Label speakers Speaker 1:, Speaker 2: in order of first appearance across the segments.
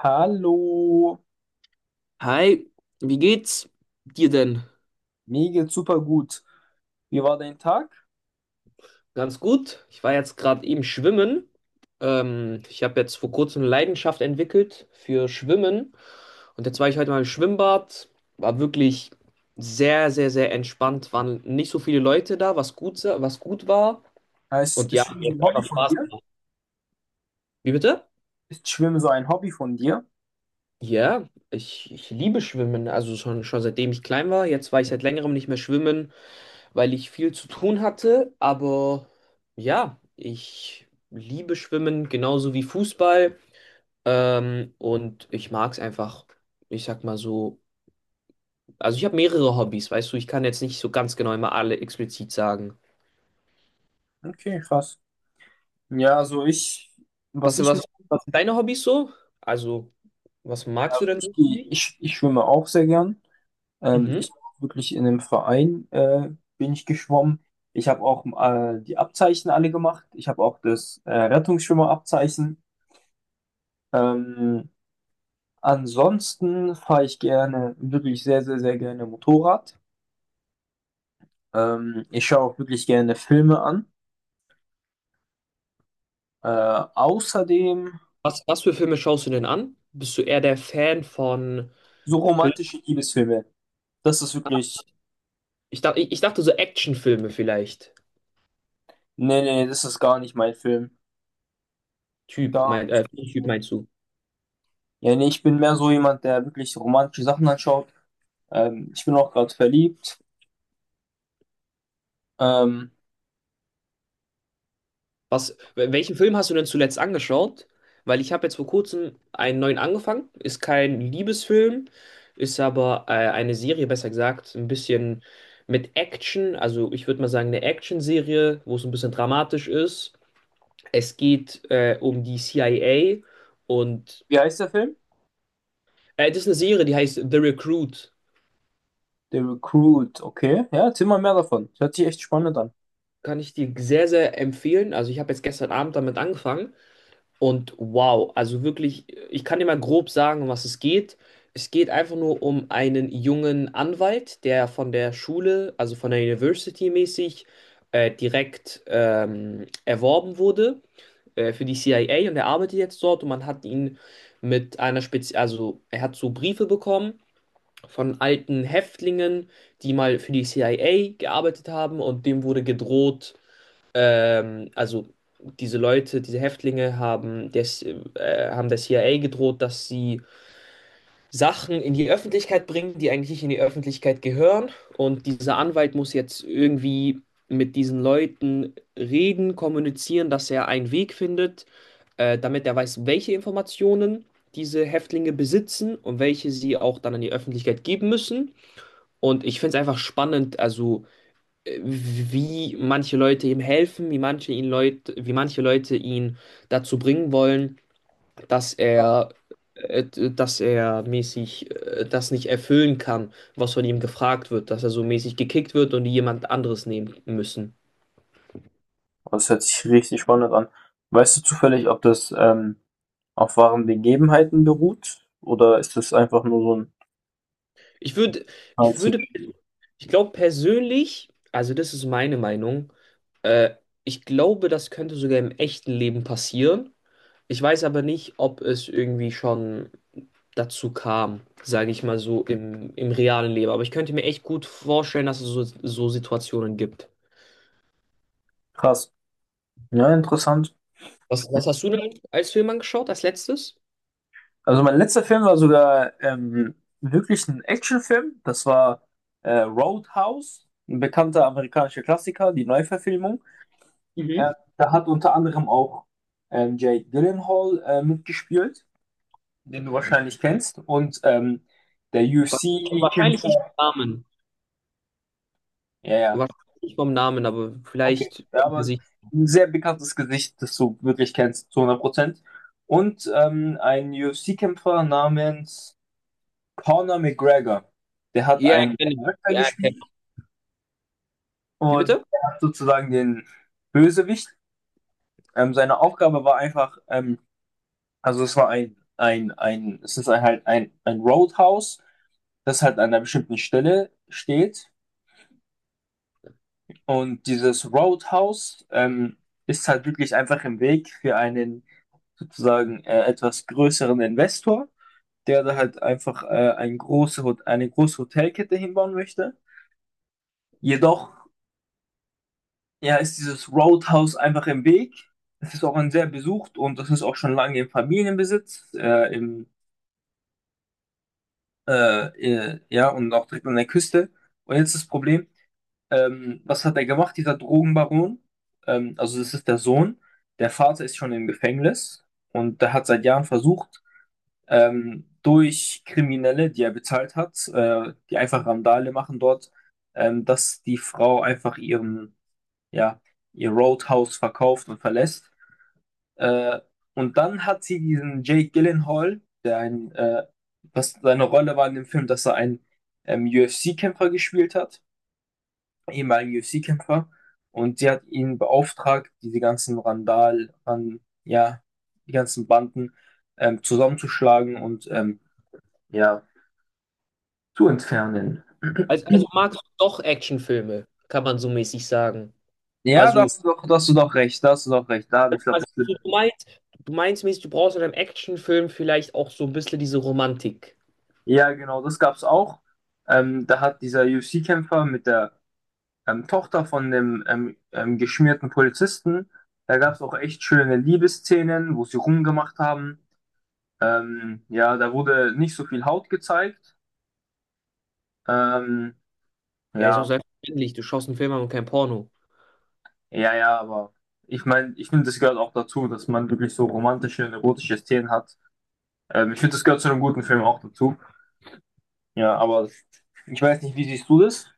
Speaker 1: Hallo,
Speaker 2: Hi, wie geht's dir denn?
Speaker 1: mir geht's super gut. Wie war dein Tag?
Speaker 2: Ganz gut. Ich war jetzt gerade eben schwimmen. Ich habe jetzt vor kurzem eine Leidenschaft entwickelt für Schwimmen. Und jetzt war ich heute mal im Schwimmbad. War wirklich sehr, sehr, sehr entspannt. Waren nicht so viele Leute da, was gut, was gut war.
Speaker 1: Ah, Ist,
Speaker 2: Und
Speaker 1: ist
Speaker 2: ja,
Speaker 1: Schwimmen
Speaker 2: mir
Speaker 1: so ein
Speaker 2: hat
Speaker 1: Hobby
Speaker 2: einfach
Speaker 1: von
Speaker 2: Spaß
Speaker 1: dir?
Speaker 2: gemacht. Wie bitte?
Speaker 1: Ist Schwimmen so ein Hobby von dir?
Speaker 2: Ja, ich liebe Schwimmen. Also schon seitdem ich klein war. Jetzt war ich seit längerem nicht mehr schwimmen, weil ich viel zu tun hatte. Aber ja, ich liebe Schwimmen genauso wie Fußball. Und ich mag es einfach, ich sag mal so. Also ich habe mehrere Hobbys, weißt du, ich kann jetzt nicht so ganz genau immer alle explizit sagen.
Speaker 1: Okay, krass. Ja, also ich, was
Speaker 2: Was,
Speaker 1: ich
Speaker 2: was,
Speaker 1: mache,
Speaker 2: was sind deine Hobbys so? Also, was magst du
Speaker 1: also
Speaker 2: denn
Speaker 1: ich,
Speaker 2: so
Speaker 1: geh-
Speaker 2: nicht?
Speaker 1: ich, ich schwimme auch sehr gern.
Speaker 2: Mhm.
Speaker 1: Ich bin auch wirklich in einem Verein bin ich geschwommen. Ich habe auch die Abzeichen alle gemacht. Ich habe auch das Rettungsschwimmerabzeichen. Ähm, Ansonsten fahre ich gerne, wirklich sehr, sehr, sehr gerne Motorrad. Ich schaue auch wirklich gerne Filme an. Äh, außerdem
Speaker 2: Was für Filme schaust du denn an? Bist du eher der Fan von
Speaker 1: so
Speaker 2: Filmen?
Speaker 1: romantische Liebesfilme. Das ist wirklich,
Speaker 2: Ich dachte so Actionfilme vielleicht.
Speaker 1: Nee, nee, das ist gar nicht mein Film.
Speaker 2: Typ,
Speaker 1: Gar
Speaker 2: mein, äh,
Speaker 1: nicht.
Speaker 2: Typ
Speaker 1: Mein Film.
Speaker 2: meinst du?
Speaker 1: Ja, nee, ich bin mehr so jemand, der wirklich romantische Sachen anschaut. Ich bin auch gerade verliebt. Ähm,
Speaker 2: Was, welchen Film hast du denn zuletzt angeschaut? Weil ich habe jetzt vor kurzem einen neuen angefangen. Ist kein Liebesfilm, ist aber eine Serie, besser gesagt, ein bisschen mit Action. Also ich würde mal sagen, eine Action-Serie, wo es ein bisschen dramatisch ist. Es geht um die CIA und
Speaker 1: Wie heißt der Film?
Speaker 2: das ist eine Serie, die heißt The Recruit.
Speaker 1: The Recruit, okay. Ja, erzähl mal mehr davon. Das hört sich echt spannend an.
Speaker 2: Kann ich dir sehr, sehr empfehlen. Also ich habe jetzt gestern Abend damit angefangen. Und wow, also wirklich, ich kann dir mal grob sagen, um was es geht. Es geht einfach nur um einen jungen Anwalt, der von der Schule, also von der University mäßig, direkt erworben wurde für die CIA, und er arbeitet jetzt dort und man hat ihn mit einer Spezi, also er hat so Briefe bekommen von alten Häftlingen, die mal für die CIA gearbeitet haben, und dem wurde gedroht. Also diese Leute, diese Häftlinge haben haben der CIA gedroht, dass sie Sachen in die Öffentlichkeit bringen, die eigentlich nicht in die Öffentlichkeit gehören. Und dieser Anwalt muss jetzt irgendwie mit diesen Leuten reden, kommunizieren, dass er einen Weg findet, damit er weiß, welche Informationen diese Häftlinge besitzen und welche sie auch dann an die Öffentlichkeit geben müssen. Und ich finde es einfach spannend, also wie manche Leute ihm helfen, wie manche Leute ihn dazu bringen wollen, dass
Speaker 1: Krass.
Speaker 2: er, äh, dass er mäßig das nicht erfüllen kann, was von ihm gefragt wird, dass er so mäßig gekickt wird und die jemand anderes nehmen müssen.
Speaker 1: Das hört sich richtig spannend an. Weißt du zufällig, ob das auf wahren Begebenheiten beruht? Oder ist das einfach nur so
Speaker 2: Ich würde,
Speaker 1: ein...
Speaker 2: ich würde, ich glaube persönlich, also das ist meine Meinung, äh, ich glaube, das könnte sogar im echten Leben passieren. Ich weiß aber nicht, ob es irgendwie schon dazu kam, sage ich mal so, im realen Leben. Aber ich könnte mir echt gut vorstellen, dass es so, so Situationen gibt.
Speaker 1: Krass. Ja, interessant. Ja.
Speaker 2: Was hast du denn als Film angeschaut, als letztes?
Speaker 1: Also mein letzter Film war sogar wirklich ein Actionfilm. Das war Roadhouse, ein bekannter amerikanischer Klassiker, die Neuverfilmung.
Speaker 2: Mhm.
Speaker 1: Da hat unter anderem auch Jake Gyllenhaal mitgespielt, den du wahrscheinlich kennst. Und der
Speaker 2: Wa- Wahrscheinlich nicht
Speaker 1: UFC-Kämpfer.
Speaker 2: vom Namen.
Speaker 1: Ja, ja,
Speaker 2: Wahrscheinlich nicht vom Namen, aber
Speaker 1: okay.
Speaker 2: vielleicht
Speaker 1: Ja,
Speaker 2: vom
Speaker 1: aber
Speaker 2: Gesicht.
Speaker 1: ein sehr bekanntes Gesicht, das du wirklich kennst, zu 100%. Und ein UFC-Kämpfer namens Conor McGregor, der hat
Speaker 2: Ja,
Speaker 1: einen
Speaker 2: kenne ich.
Speaker 1: Charakter
Speaker 2: Ja, kenn
Speaker 1: gespielt
Speaker 2: ich. Wie
Speaker 1: und
Speaker 2: bitte?
Speaker 1: der hat sozusagen den Bösewicht. Seine Aufgabe war einfach, also es war ein, es ist ein, halt ein Roadhouse, das halt an einer bestimmten Stelle steht. Und dieses Roadhouse ist halt wirklich einfach im Weg für einen sozusagen etwas größeren Investor, der da halt einfach ein große, Hot- eine große Hotelkette hinbauen möchte. Jedoch ja, ist dieses Roadhouse einfach im Weg. Es ist auch ein sehr besucht und das ist auch schon lange im Familienbesitz, äh, ja, und auch direkt an der Küste. Und jetzt das Problem, was hat er gemacht, dieser Drogenbaron? Also das ist der Sohn. Der Vater ist schon im Gefängnis und der hat seit Jahren versucht, durch Kriminelle, die er bezahlt hat, die einfach Randale machen dort, dass die Frau einfach ihren, ja, ihr Roadhouse verkauft und verlässt. Äh, und dann hat sie diesen Jake Gyllenhaal, der ein, was seine Rolle war in dem Film, dass er einen UFC-Kämpfer gespielt hat, ehemaligen UFC-Kämpfer. Und sie hat ihn beauftragt, diese ja, die ganzen Banden zusammenzuschlagen und ja, zu entfernen.
Speaker 2: Also magst du doch Actionfilme, kann man so mäßig sagen.
Speaker 1: Ja, da
Speaker 2: Also,
Speaker 1: hast du doch, da hast du doch recht, da hast du doch recht. Da habe ich, glaube
Speaker 2: also
Speaker 1: ich,
Speaker 2: du meinst, du meinst mäßig, du brauchst in einem Actionfilm vielleicht auch so ein bisschen diese Romantik.
Speaker 1: ja, genau, das gab's auch. Da hat dieser UFC-Kämpfer mit der Tochter von dem geschmierten Polizisten. Da gab es auch echt schöne Liebesszenen, wo sie rumgemacht haben. Ja, da wurde nicht so viel Haut gezeigt. Ähm,
Speaker 2: Ja, ist auch
Speaker 1: ja,
Speaker 2: selbstverständlich. Du schaust einen Film an und kein Porno.
Speaker 1: ja, ja, aber ich meine, ich finde, das gehört auch dazu, dass man wirklich so romantische und erotische Szenen hat. Ich finde, das gehört zu einem guten Film auch dazu. Ja, aber ich weiß nicht, wie siehst du das?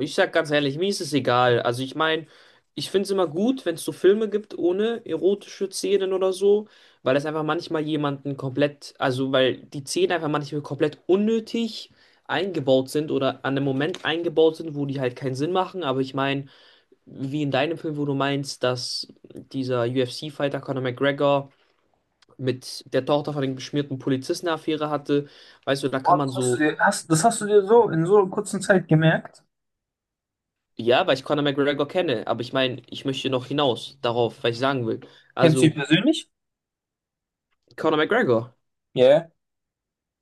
Speaker 2: Ich sag ganz ehrlich, mir ist es egal. Also ich meine, ich finde es immer gut, wenn es so Filme gibt ohne erotische Szenen oder so, weil es einfach manchmal jemanden komplett, also weil die Szenen einfach manchmal komplett unnötig eingebaut sind oder an einem Moment eingebaut sind, wo die halt keinen Sinn machen. Aber ich meine, wie in deinem Film, wo du meinst, dass dieser UFC-Fighter Conor McGregor mit der Tochter von dem beschmierten Polizisten eine Affäre hatte, weißt du, da
Speaker 1: Oh,
Speaker 2: kann man
Speaker 1: das hast du
Speaker 2: so.
Speaker 1: dir, hast, das hast du dir so in so einer kurzen Zeit gemerkt?
Speaker 2: Ja, weil ich Conor McGregor kenne, aber ich meine, ich möchte noch hinaus darauf, was ich sagen will.
Speaker 1: Kennst du ihn
Speaker 2: Also,
Speaker 1: persönlich?
Speaker 2: Conor McGregor.
Speaker 1: Ja.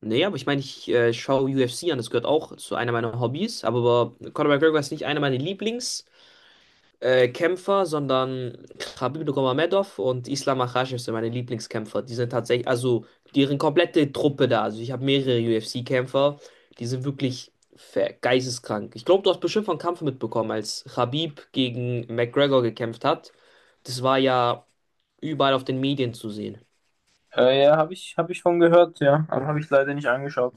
Speaker 2: Nee, aber ich meine, ich schaue UFC an, das gehört auch zu einer meiner Hobbys, aber Conor McGregor ist nicht einer meiner Lieblingskämpfer, sondern Khabib Nurmagomedov und Islam Makhachev sind meine Lieblingskämpfer. Die sind tatsächlich, also deren komplette Truppe da. Also ich habe mehrere UFC-Kämpfer, die sind wirklich geisteskrank. Ich glaube, du hast bestimmt von Kampf mitbekommen, als Khabib gegen McGregor gekämpft hat. Das war ja überall auf den Medien zu sehen.
Speaker 1: Ja, habe ich, hab ich von gehört, ja. Aber habe ich leider nicht angeschaut.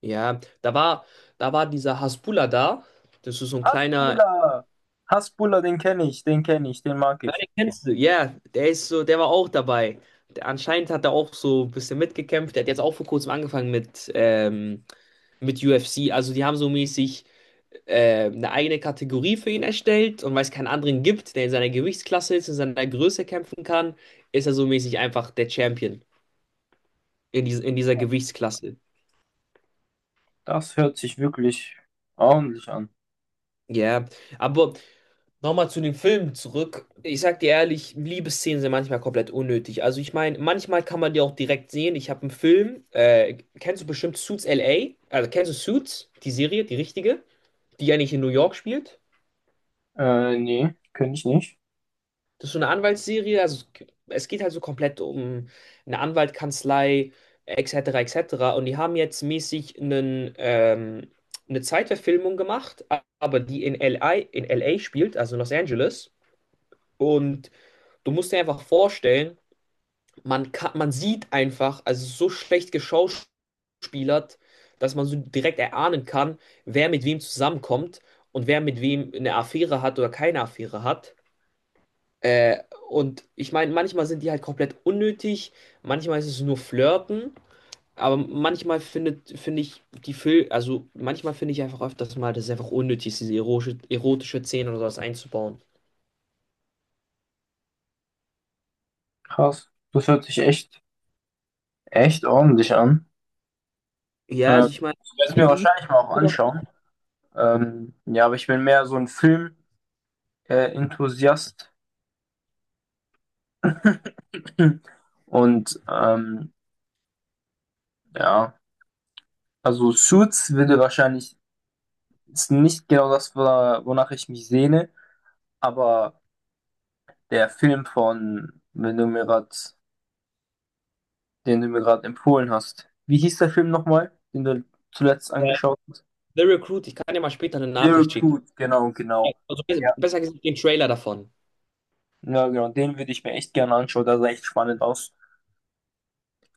Speaker 2: Ja, da war, da war dieser Hasbulla da. Das ist so ein kleiner,
Speaker 1: Hasbulla! Hasbulla, den kenne ich, den kenne ich, den mag
Speaker 2: den
Speaker 1: ich.
Speaker 2: kennst du, ja, der ist so, der war auch dabei. Der, anscheinend hat er auch so ein bisschen mitgekämpft. Der hat jetzt auch vor kurzem angefangen mit UFC. Also die haben so mäßig eine eigene Kategorie für ihn erstellt, und weil es keinen anderen gibt, der in seiner Gewichtsklasse ist, in seiner Größe kämpfen kann, ist er so mäßig einfach der Champion in dieser Gewichtsklasse.
Speaker 1: Das hört sich wirklich ordentlich an.
Speaker 2: Ja, aber nochmal zu dem Film zurück. Ich sag dir ehrlich, Liebesszenen sind manchmal komplett unnötig. Also ich meine, manchmal kann man die auch direkt sehen. Ich habe einen Film, kennst du bestimmt Suits LA? Also kennst du Suits, die Serie, die richtige, die eigentlich in New York spielt?
Speaker 1: Nee, kenne ich nicht.
Speaker 2: Das ist so eine Anwaltsserie. Also es geht halt so komplett um eine Anwaltkanzlei, etc., etc. Und die haben jetzt mäßig eine Zeitverfilmung gemacht, aber die in in LA spielt, also Los Angeles. Und du musst dir einfach vorstellen, man sieht einfach, also so schlecht geschauspielert, dass man so direkt erahnen kann, wer mit wem zusammenkommt und wer mit wem eine Affäre hat oder keine Affäre hat. Äh, und ich meine, manchmal sind die halt komplett unnötig, manchmal ist es nur Flirten, aber finde ich, also manchmal finde ich einfach öfters mal, dass es einfach unnötig ist, erotische Szenen oder sowas einzubauen.
Speaker 1: Krass. Das hört sich echt, echt ordentlich an.
Speaker 2: Ja,
Speaker 1: Äh,
Speaker 2: also ich meine,
Speaker 1: Ich werde es
Speaker 2: geht
Speaker 1: mir
Speaker 2: eh-
Speaker 1: wahrscheinlich mal auch anschauen. Ja, aber ich bin mehr so ein Film-Enthusiast. Und ja, also Suits würde wahrscheinlich ist nicht genau das, wonach ich mich sehne. Aber der Film von, wenn du mir grad, den du mir gerade empfohlen hast, wie hieß der Film nochmal, den du zuletzt
Speaker 2: äh,
Speaker 1: angeschaut hast?
Speaker 2: The Recruit, ich kann dir mal später eine
Speaker 1: The
Speaker 2: Nachricht schicken.
Speaker 1: Recruit, genau, genau.
Speaker 2: Also
Speaker 1: Ja.
Speaker 2: besser gesagt den Trailer davon.
Speaker 1: Ja, genau, den würde ich mir echt gerne anschauen, der sah echt spannend aus.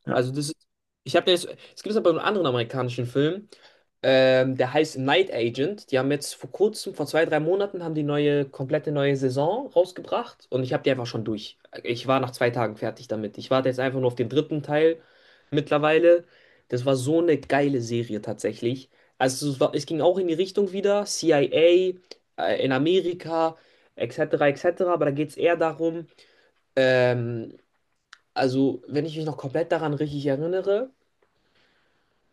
Speaker 1: Ja,
Speaker 2: Also das ist, ich habe jetzt, es gibt aber einen anderen amerikanischen Film, der heißt Night Agent. Die haben jetzt vor kurzem, vor zwei, drei Monaten, haben die neue, komplette neue Saison rausgebracht und ich habe die einfach schon durch. Ich war nach zwei Tagen fertig damit. Ich warte jetzt einfach nur auf den dritten Teil mittlerweile. Das war so eine geile Serie tatsächlich. Es ging auch in die Richtung wieder, CIA, in Amerika, etc., etc., aber da geht es eher darum. ähm, Also, wenn ich mich noch komplett daran richtig erinnere,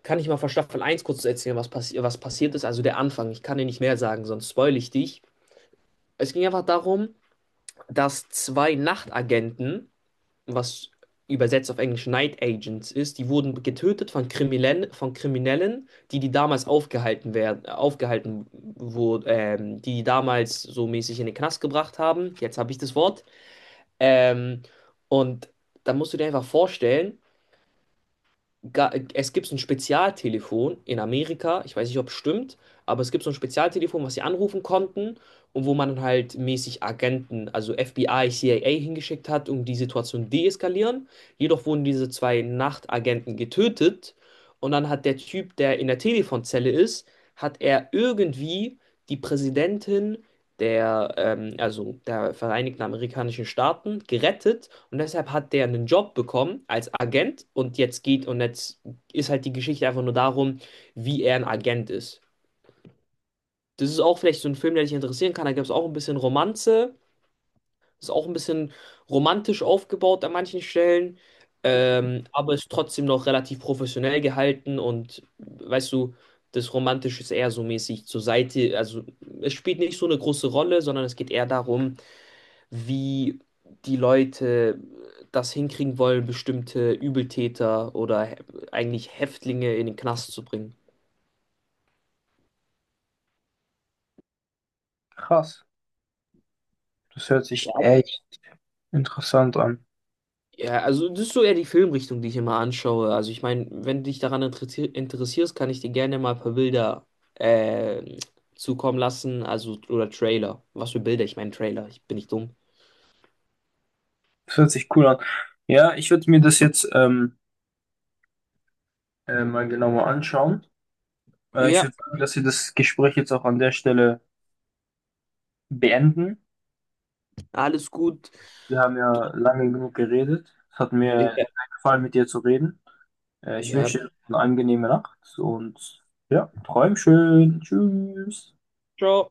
Speaker 2: kann ich mal von Staffel eins kurz erzählen, was passiert ist. Also der Anfang. Ich kann dir nicht mehr sagen, sonst spoil ich dich. Es ging einfach darum, dass zwei Nachtagenten, was übersetzt auf Englisch Night Agents ist, die wurden getötet von Kriminellen, die die damals aufgehalten werden, aufgehalten wurden, die die damals so mäßig in den Knast gebracht haben. Jetzt habe ich das Wort. Ähm, und da musst du dir einfach vorstellen, es gibt so ein Spezialtelefon in Amerika, ich weiß nicht, ob es stimmt, aber es gibt so ein Spezialtelefon, was sie anrufen konnten und wo man halt mäßig Agenten, also FBI, CIA hingeschickt hat, um die Situation deeskalieren. Jedoch wurden diese zwei Nachtagenten getötet und dann hat der Typ, der in der Telefonzelle ist, hat er irgendwie die Präsidentin der, also der Vereinigten Amerikanischen Staaten gerettet, und deshalb hat der einen Job bekommen als Agent, und jetzt ist halt die Geschichte einfach nur darum, wie er ein Agent ist. Das ist auch vielleicht so ein Film, der dich interessieren kann. Da gibt es auch ein bisschen Romanze, ist auch ein bisschen romantisch aufgebaut an manchen Stellen, aber ist trotzdem noch relativ professionell gehalten, und weißt du, das Romantische ist eher so mäßig zur Seite. Also es spielt nicht so eine große Rolle, sondern es geht eher darum, wie die Leute das hinkriegen wollen, bestimmte Übeltäter oder eigentlich Häftlinge in den Knast zu bringen.
Speaker 1: krass. Das hört
Speaker 2: Ja,
Speaker 1: sich echt interessant an.
Speaker 2: ja, also das ist so eher die Filmrichtung, die ich immer anschaue. Also ich meine, wenn du dich daran interessierst, kann ich dir gerne mal ein paar Bilder äh, zukommen lassen, also oder Trailer. Was für Bilder? Ich meine Trailer, ich bin nicht dumm.
Speaker 1: Das hört sich cool an. Ja, ich würde mir das jetzt mal genauer anschauen. Ich
Speaker 2: Ja,
Speaker 1: würde sagen, dass wir das Gespräch jetzt auch an der Stelle beenden.
Speaker 2: alles gut.
Speaker 1: Wir haben ja lange genug geredet. Es hat mir
Speaker 2: Ja,
Speaker 1: sehr gefallen, mit dir zu reden. Ich
Speaker 2: ja.
Speaker 1: wünsche dir eine angenehme Nacht und ja, träum schön. Tschüss.
Speaker 2: Ciao.